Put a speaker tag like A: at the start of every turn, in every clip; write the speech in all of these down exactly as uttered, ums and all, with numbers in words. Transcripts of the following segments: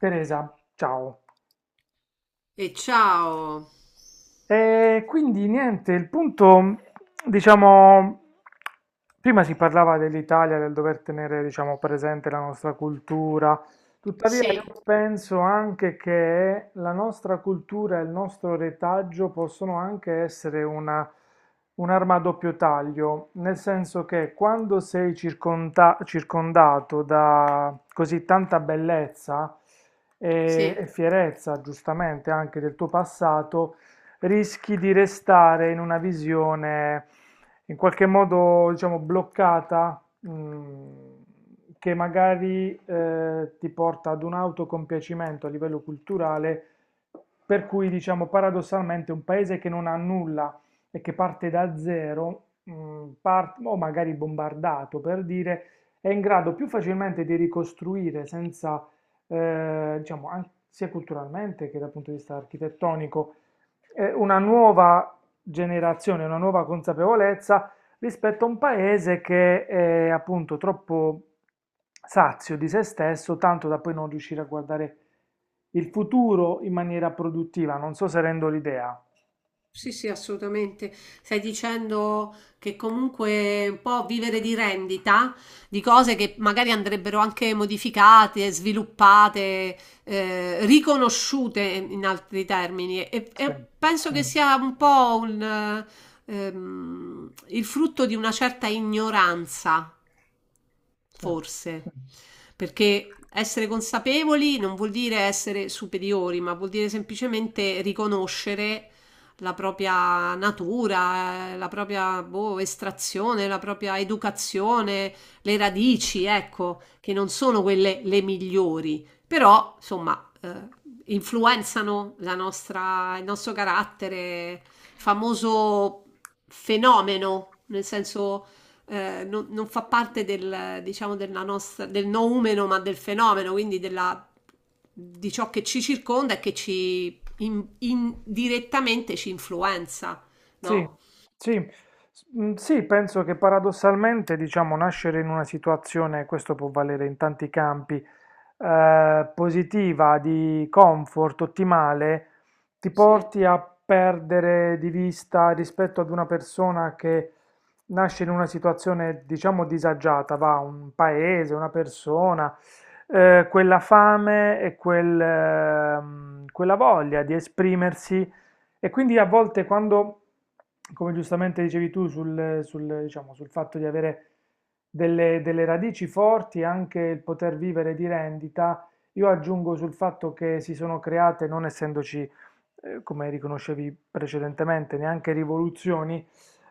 A: Teresa, ciao.
B: E ciao.
A: E quindi niente, il punto, diciamo, prima si parlava dell'Italia, del dover tenere, diciamo, presente la nostra cultura. Tuttavia
B: Sì,
A: io penso anche che la nostra cultura e il nostro retaggio possono anche essere una, un'arma a doppio taglio, nel senso che quando sei circonda- circondato da così tanta bellezza e
B: Sì,
A: e fierezza, giustamente, anche del tuo passato, rischi di restare in una visione in qualche modo, diciamo, bloccata, mm, che magari eh, ti porta ad un autocompiacimento a livello culturale, per cui, diciamo, paradossalmente un paese che non ha nulla e che parte da zero, mm, par- o magari bombardato per dire, è in grado più facilmente di ricostruire senza, eh, diciamo, an- sia culturalmente che dal punto di vista architettonico, eh, una nuova generazione, una nuova consapevolezza rispetto a un paese che è appunto troppo sazio di se stesso, tanto da poi non riuscire a guardare il futuro in maniera produttiva. Non so se rendo l'idea.
B: sì, sì, assolutamente. Stai dicendo che comunque un po' vivere di rendita di cose che magari andrebbero anche modificate, sviluppate, eh, riconosciute in altri termini. E,
A: Sì,
B: e penso che sia un po' un, eh, ehm, il frutto di una certa ignoranza.
A: sì.
B: Forse, perché essere consapevoli non vuol dire essere superiori, ma vuol dire semplicemente riconoscere la propria natura, eh, la propria boh, estrazione, la propria educazione, le radici, ecco, che non sono quelle le migliori, però insomma eh, influenzano la nostra, il nostro carattere, famoso fenomeno, nel senso eh, non, non fa parte del, diciamo, della nostra, del noumeno, ma del fenomeno, quindi della, di ciò che ci circonda e che ci in- indirettamente ci influenza,
A: Sì,
B: no?
A: sì, S- mm, sì, penso che paradossalmente, diciamo, nascere in una situazione, questo può valere in tanti campi, eh, positiva, di comfort, ottimale, ti
B: Sì,
A: porti a perdere di vista rispetto ad una persona che nasce in una situazione, diciamo, disagiata, va, un paese, una persona, eh, quella fame e quel, ehm, quella voglia di esprimersi. E quindi a volte quando, come giustamente dicevi tu, sul, sul, diciamo, sul fatto di avere delle, delle radici forti e anche il poter vivere di rendita, io aggiungo sul fatto che si sono create, non essendoci, eh, come riconoscevi precedentemente, neanche rivoluzioni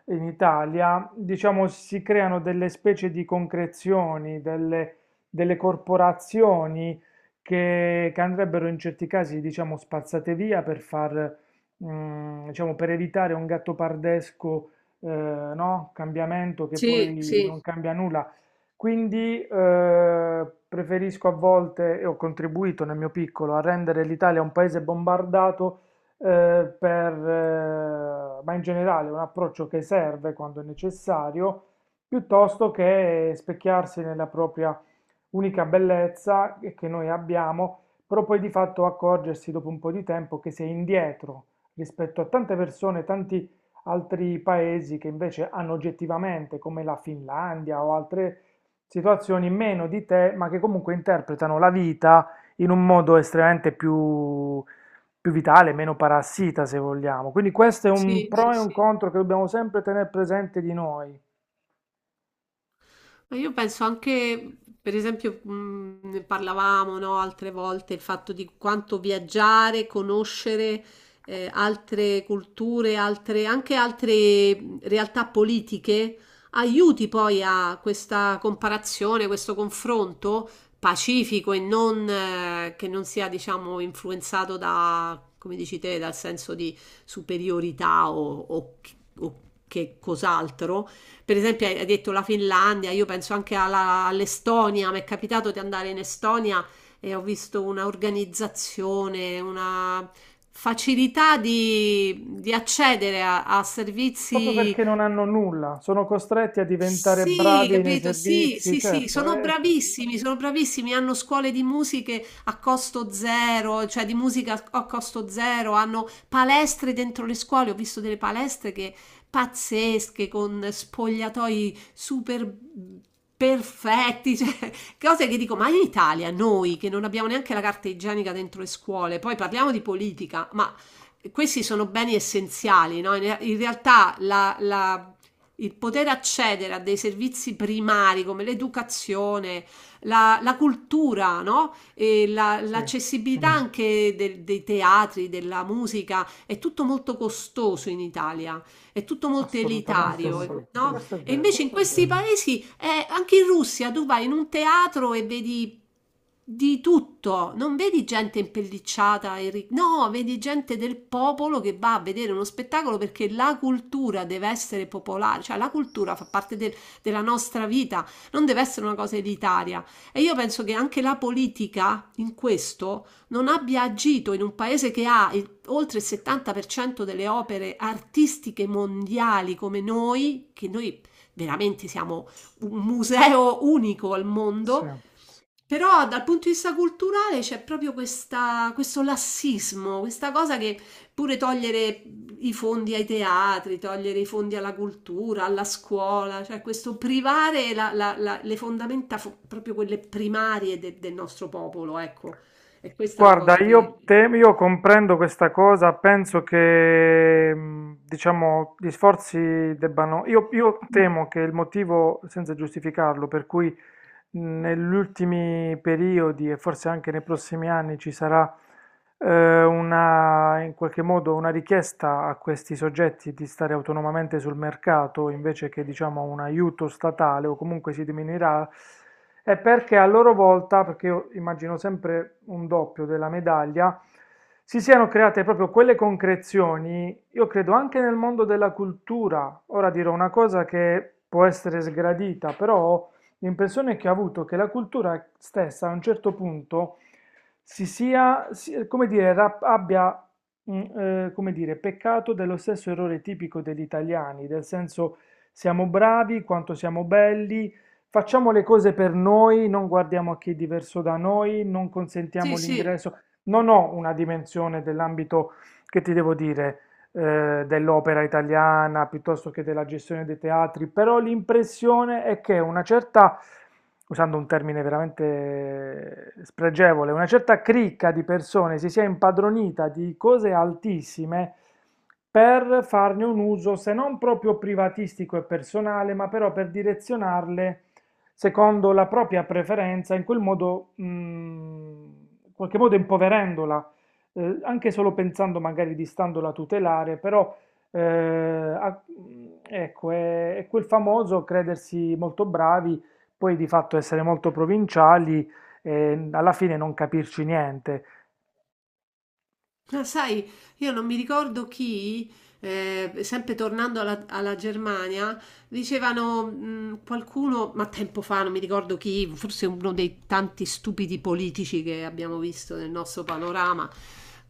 A: in Italia, diciamo, si creano delle specie di concrezioni, delle, delle corporazioni che, che andrebbero in certi casi, diciamo, spazzate via per far mm, diciamo, per evitare un gattopardesco, eh, no, cambiamento che
B: sì,
A: poi
B: sì,
A: non cambia nulla. Quindi eh, preferisco a volte, e ho contribuito nel mio piccolo, a rendere l'Italia un paese bombardato, eh, per, eh, ma in generale un approccio che serve quando è necessario, piuttosto che specchiarsi nella propria unica bellezza che noi abbiamo, però poi di fatto accorgersi dopo un po' di tempo che si è indietro rispetto a tante persone, tanti altri paesi che invece hanno oggettivamente, come la Finlandia o altre situazioni, meno di te, ma che comunque interpretano la vita in un modo estremamente più, più vitale, meno parassita, se vogliamo. Quindi questo è un
B: sì, sì,
A: pro e un
B: sì.
A: contro che dobbiamo sempre tenere presente di noi.
B: Ma io penso anche, per esempio, mh, ne parlavamo, no, altre volte, il fatto di quanto viaggiare, conoscere eh, altre culture, altre- anche altre mh, realtà politiche, aiuti poi a questa comparazione, questo confronto pacifico e non, eh, che non sia, diciamo, influenzato da, come dici te, dal senso di superiorità o o- o che cos'altro, per esempio hai hai detto la Finlandia, io penso anche alla- all'Estonia, mi è capitato di andare in Estonia e ho visto una organizzazione, una facilità di, di accedere a, a
A: Proprio
B: servizi,
A: perché non hanno nulla, sono costretti a diventare
B: sì,
A: bravi nei
B: capito? Sì,
A: servizi,
B: sì, sì,
A: certo,
B: sono
A: eh,
B: bravissimi, sono bravissimi, hanno scuole di musiche a costo zero, cioè di musica a a costo zero, hanno palestre dentro le scuole, ho visto delle palestre che pazzesche, con spogliatoi super perfetti, cioè, cose che dico, ma in Italia noi che non abbiamo neanche la carta igienica dentro le scuole, poi parliamo di politica, ma questi sono beni essenziali, no? In in realtà la la- il poter accedere a dei servizi primari come l'educazione, la, la cultura, no? E la-
A: sì,
B: l'accessibilità anche del- dei teatri, della musica, è tutto molto costoso in Italia, è tutto molto
A: assolutamente sì,
B: elitario, no?
A: questo è
B: E invece
A: vero,
B: in questi paesi, eh, anche in Russia, tu vai in un teatro e vedi di tutto, non vedi gente impellicciata, e ri- no, vedi gente del popolo che va a vedere uno spettacolo, perché la cultura deve essere popolare, cioè la cultura fa parte del- della nostra vita, non deve essere una cosa elitaria. E io penso che anche la politica in questo non abbia agito, in un paese che ha oltre il settanta per cento delle opere artistiche mondiali come noi, che noi veramente siamo un museo unico al
A: sì.
B: mondo, però dal punto di vista culturale c'è proprio questa- questo lassismo, questa cosa che pure togliere i fondi ai teatri, togliere i fondi alla cultura, alla scuola, cioè questo privare la- la- la- le fondamenta, fo- proprio quelle primarie de- del nostro popolo, ecco. E questa è la
A: Guarda,
B: cosa che...
A: io, te- io comprendo questa cosa, penso che mh, diciamo, gli sforzi debbano... Io, io temo che il motivo, senza giustificarlo, per cui negli ultimi periodi e forse anche nei prossimi anni ci sarà eh, una, in qualche modo una richiesta a questi soggetti di stare autonomamente sul mercato invece che, diciamo, un aiuto statale, o comunque si diminuirà, è perché a loro volta, perché io immagino sempre un doppio della medaglia, si siano create proprio quelle concrezioni, io credo anche nel mondo della cultura. Ora dirò una cosa che può essere sgradita, però l'impressione che ho avuto è che la cultura stessa a un certo punto si sia, si- come dire, rap- abbia, mm, eh, come dire, peccato dello stesso errore tipico degli italiani, del senso siamo bravi, quanto siamo belli, facciamo le cose per noi, non guardiamo a chi è diverso da noi, non consentiamo
B: Sì, sì.
A: l'ingresso. Non ho una dimensione dell'ambito che ti devo dire, eh, dell'opera italiana piuttosto che della gestione dei teatri, però l'impressione è che una certa, usando un termine veramente spregevole, una certa cricca di persone si sia impadronita di cose altissime per farne un uso se non proprio privatistico e personale, ma però per direzionarle secondo la propria preferenza, in quel modo, mh, in qualche modo impoverendola, eh, anche solo pensando magari di standola a tutelare, però eh, a- ecco, è, è quel famoso credersi molto bravi, poi di fatto essere molto provinciali e alla fine non capirci niente.
B: Ma sai, io non mi ricordo chi, eh, sempre tornando alla, alla Germania, dicevano, mh, qualcuno, ma tempo fa, non mi ricordo chi, forse uno dei tanti stupidi politici che abbiamo visto nel nostro panorama,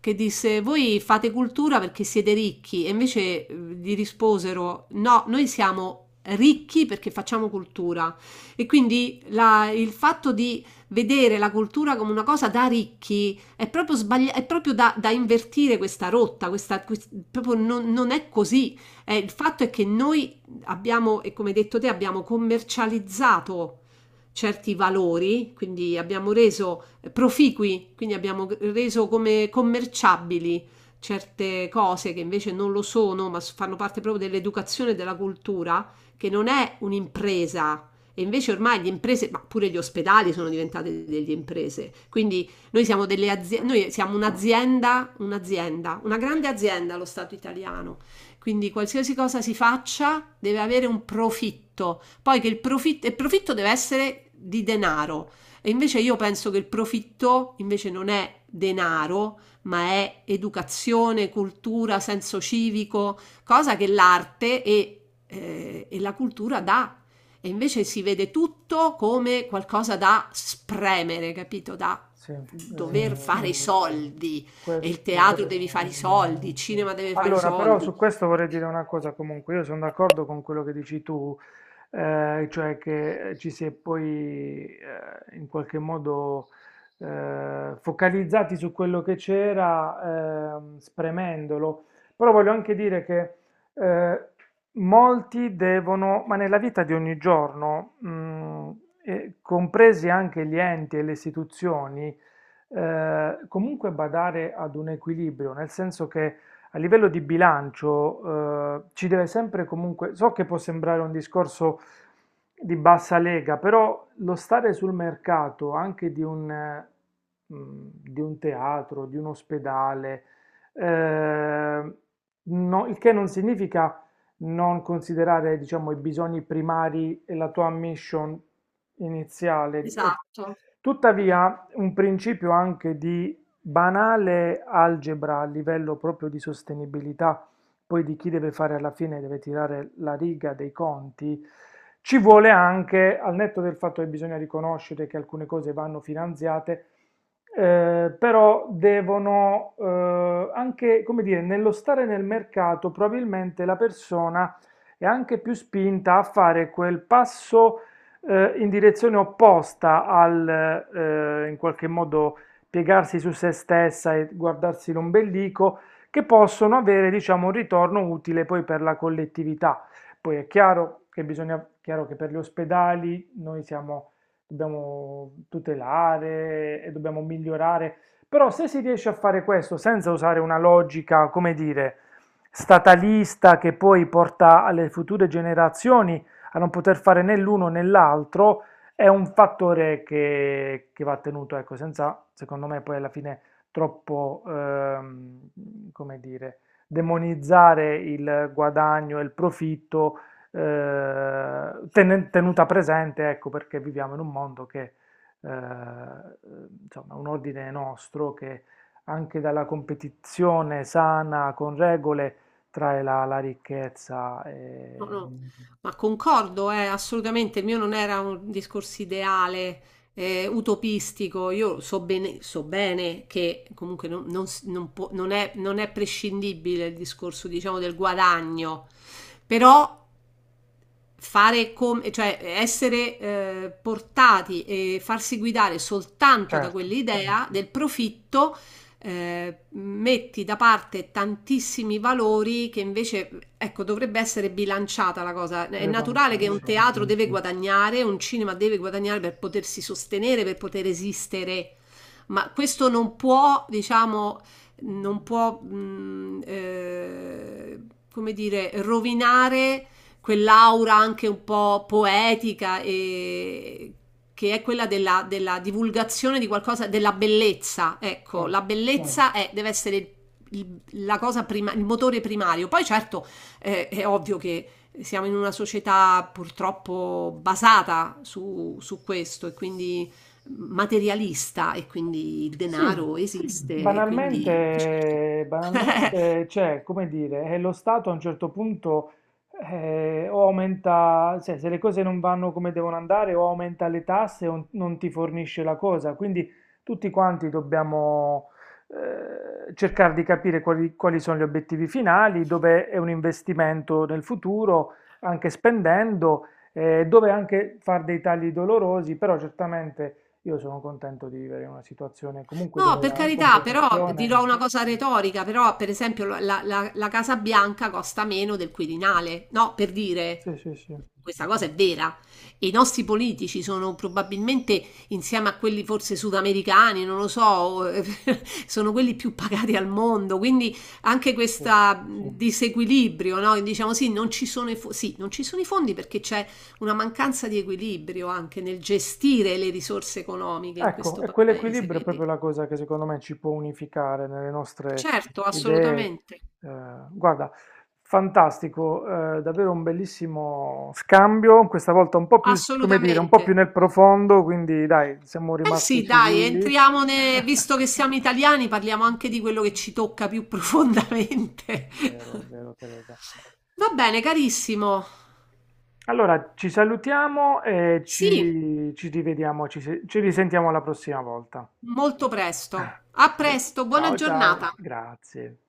B: che disse: "Voi fate cultura perché siete ricchi", e invece eh, gli risposero: "No, noi siamo ricchi perché facciamo cultura". E quindi la- il fatto di vedere la cultura come una cosa da ricchi è proprio, sbagli- è proprio da, da invertire, questa rotta, questa, quest- proprio non, non è così. Eh, il fatto è che noi abbiamo, e come hai detto te, abbiamo commercializzato certi valori, quindi abbiamo reso proficui, quindi abbiamo reso come commerciabili certe cose che invece non lo sono, ma fanno parte proprio dell'educazione e della cultura, che non è un'impresa. E invece ormai le imprese, ma pure gli ospedali sono diventate delle imprese. Quindi noi siamo delle aziende, noi siamo un'azienda, un'azienda, una grande azienda, lo Stato italiano. Quindi qualsiasi cosa si faccia deve avere un profitto. Poi che il profitto, il profitto deve essere di denaro. E invece io penso che il profitto invece non è denaro, ma è educazione, cultura, senso civico, cosa che l'arte e, eh, e la cultura dà. E invece si vede tutto come qualcosa da spremere, capito? Da
A: Sì,
B: dover
A: eh,
B: fare i soldi, e il teatro devi
A: questo
B: fare i
A: sì.
B: soldi, il cinema deve fare i
A: Allora, però
B: soldi.
A: su questo vorrei dire una cosa, comunque io sono d'accordo con quello che dici tu, eh, cioè che eh, ci si è poi eh, in qualche modo eh, focalizzati su quello che c'era, ehm, spremendolo, però voglio anche dire che eh, molti devono, ma nella vita di ogni giorno, mm, e compresi anche gli enti e le istituzioni, eh, comunque badare ad un equilibrio, nel senso che a livello di bilancio, eh, ci deve sempre comunque, so che può sembrare un discorso di bassa lega, però lo stare sul mercato anche di un, eh, mh, di un teatro, di un ospedale, eh, no- il che non significa non considerare, diciamo, i bisogni primari e la tua mission iniziale. E
B: Esatto.
A: tuttavia, un principio anche di banale algebra a livello proprio di sostenibilità, poi di chi deve fare alla fine, deve tirare la riga dei conti, ci vuole anche, al netto del fatto che bisogna riconoscere che alcune cose vanno finanziate, eh, però devono, eh, anche, come dire, nello stare nel mercato, probabilmente la persona è anche più spinta a fare quel passo eh, in direzione opposta al, eh, in qualche modo, piegarsi su se stessa e guardarsi l'ombelico, che possono avere, diciamo, un ritorno utile poi per la collettività. Poi è chiaro che bisogna, chiaro che per gli ospedali noi siamo, dobbiamo tutelare e dobbiamo migliorare, però se si riesce a fare questo senza usare una logica, come dire, statalista che poi porta alle future generazioni a non poter fare né l'uno né l'altro, è un fattore che, che va tenuto, ecco, senza, secondo me, poi alla fine troppo, ehm, come dire, demonizzare il guadagno e il profitto, eh, tenen- tenuta presente, ecco, perché viviamo in un mondo che, eh, insomma, un ordine nostro che anche dalla competizione sana, con regole, trae la, la ricchezza
B: No,
A: e...
B: no, ma concordo, eh, assolutamente, il mio non era un discorso ideale, eh, utopistico, io so bene, so bene che comunque non, non s- non può- non è, non è prescindibile il discorso, diciamo, del guadagno, però fare come, cioè essere eh, portati e farsi guidare soltanto da
A: Certo.
B: quell'idea del profitto, eh, metti da parte tantissimi valori che invece, ecco, dovrebbe essere bilanciata la cosa. È
A: Credo
B: naturale
A: anch'io,
B: che un
A: sì,
B: teatro deve guadagnare, un cinema deve guadagnare per potersi sostenere, per poter esistere, ma questo non può, diciamo, non può, mh, eh, come dire, rovinare quell'aura anche un po' poetica e che è quella della, della divulgazione di qualcosa, della bellezza. Ecco,
A: certo.
B: la bellezza è- deve essere il- il, la cosa prima, il motore primario. Poi certo eh, è ovvio che siamo in una società purtroppo basata su, su questo e quindi materialista e quindi il
A: Sì,
B: denaro esiste e quindi... Certo.
A: banalmente, banalmente, cioè, come dire, eh, lo Stato a un certo punto eh, o aumenta, cioè, se le cose non vanno come devono andare, o aumenta le tasse o non ti fornisce la cosa. Quindi tutti quanti dobbiamo eh, cercare di capire quali, quali sono gli obiettivi finali, dove è un investimento nel futuro, anche spendendo, eh, dove anche fare dei tagli dolorosi, però certamente io sono contento di vivere in una situazione comunque
B: No,
A: dove
B: per
A: la
B: carità, però
A: competizione...
B: dirò una cosa retorica, però per esempio la, la- la Casa Bianca costa meno del Quirinale, no, per dire,
A: Sì, sì, sì,
B: questa cosa è vera. E i nostri politici sono probabilmente, insieme a quelli forse sudamericani, non lo so, sono quelli più pagati al mondo, quindi anche
A: sì.
B: questo disequilibrio, no? Diciamo sì, non ci sono i fo- sì, non ci sono i fondi perché c'è una mancanza di equilibrio anche nel gestire le risorse economiche in
A: Ecco,
B: questo
A: e
B: paese,
A: quell'equilibrio è
B: quindi...
A: proprio la cosa che secondo me ci può unificare nelle nostre
B: Certo,
A: idee.
B: assolutamente,
A: Eh, guarda, fantastico, eh, davvero un bellissimo scambio, questa volta un po' più, come dire, un po' più
B: assolutamente.
A: nel profondo, quindi dai, siamo
B: Eh
A: rimasti
B: sì, dai,
A: civili.
B: entriamo ne- visto che siamo italiani, parliamo anche di quello che ci tocca più profondamente.
A: Vero, è vero, Teresa.
B: Va bene, carissimo.
A: Allora, ci salutiamo e
B: Sì,
A: ci, ci rivediamo, ci, se- ci risentiamo la prossima volta.
B: molto presto. A presto, buona
A: Ciao ciao,
B: giornata.
A: grazie.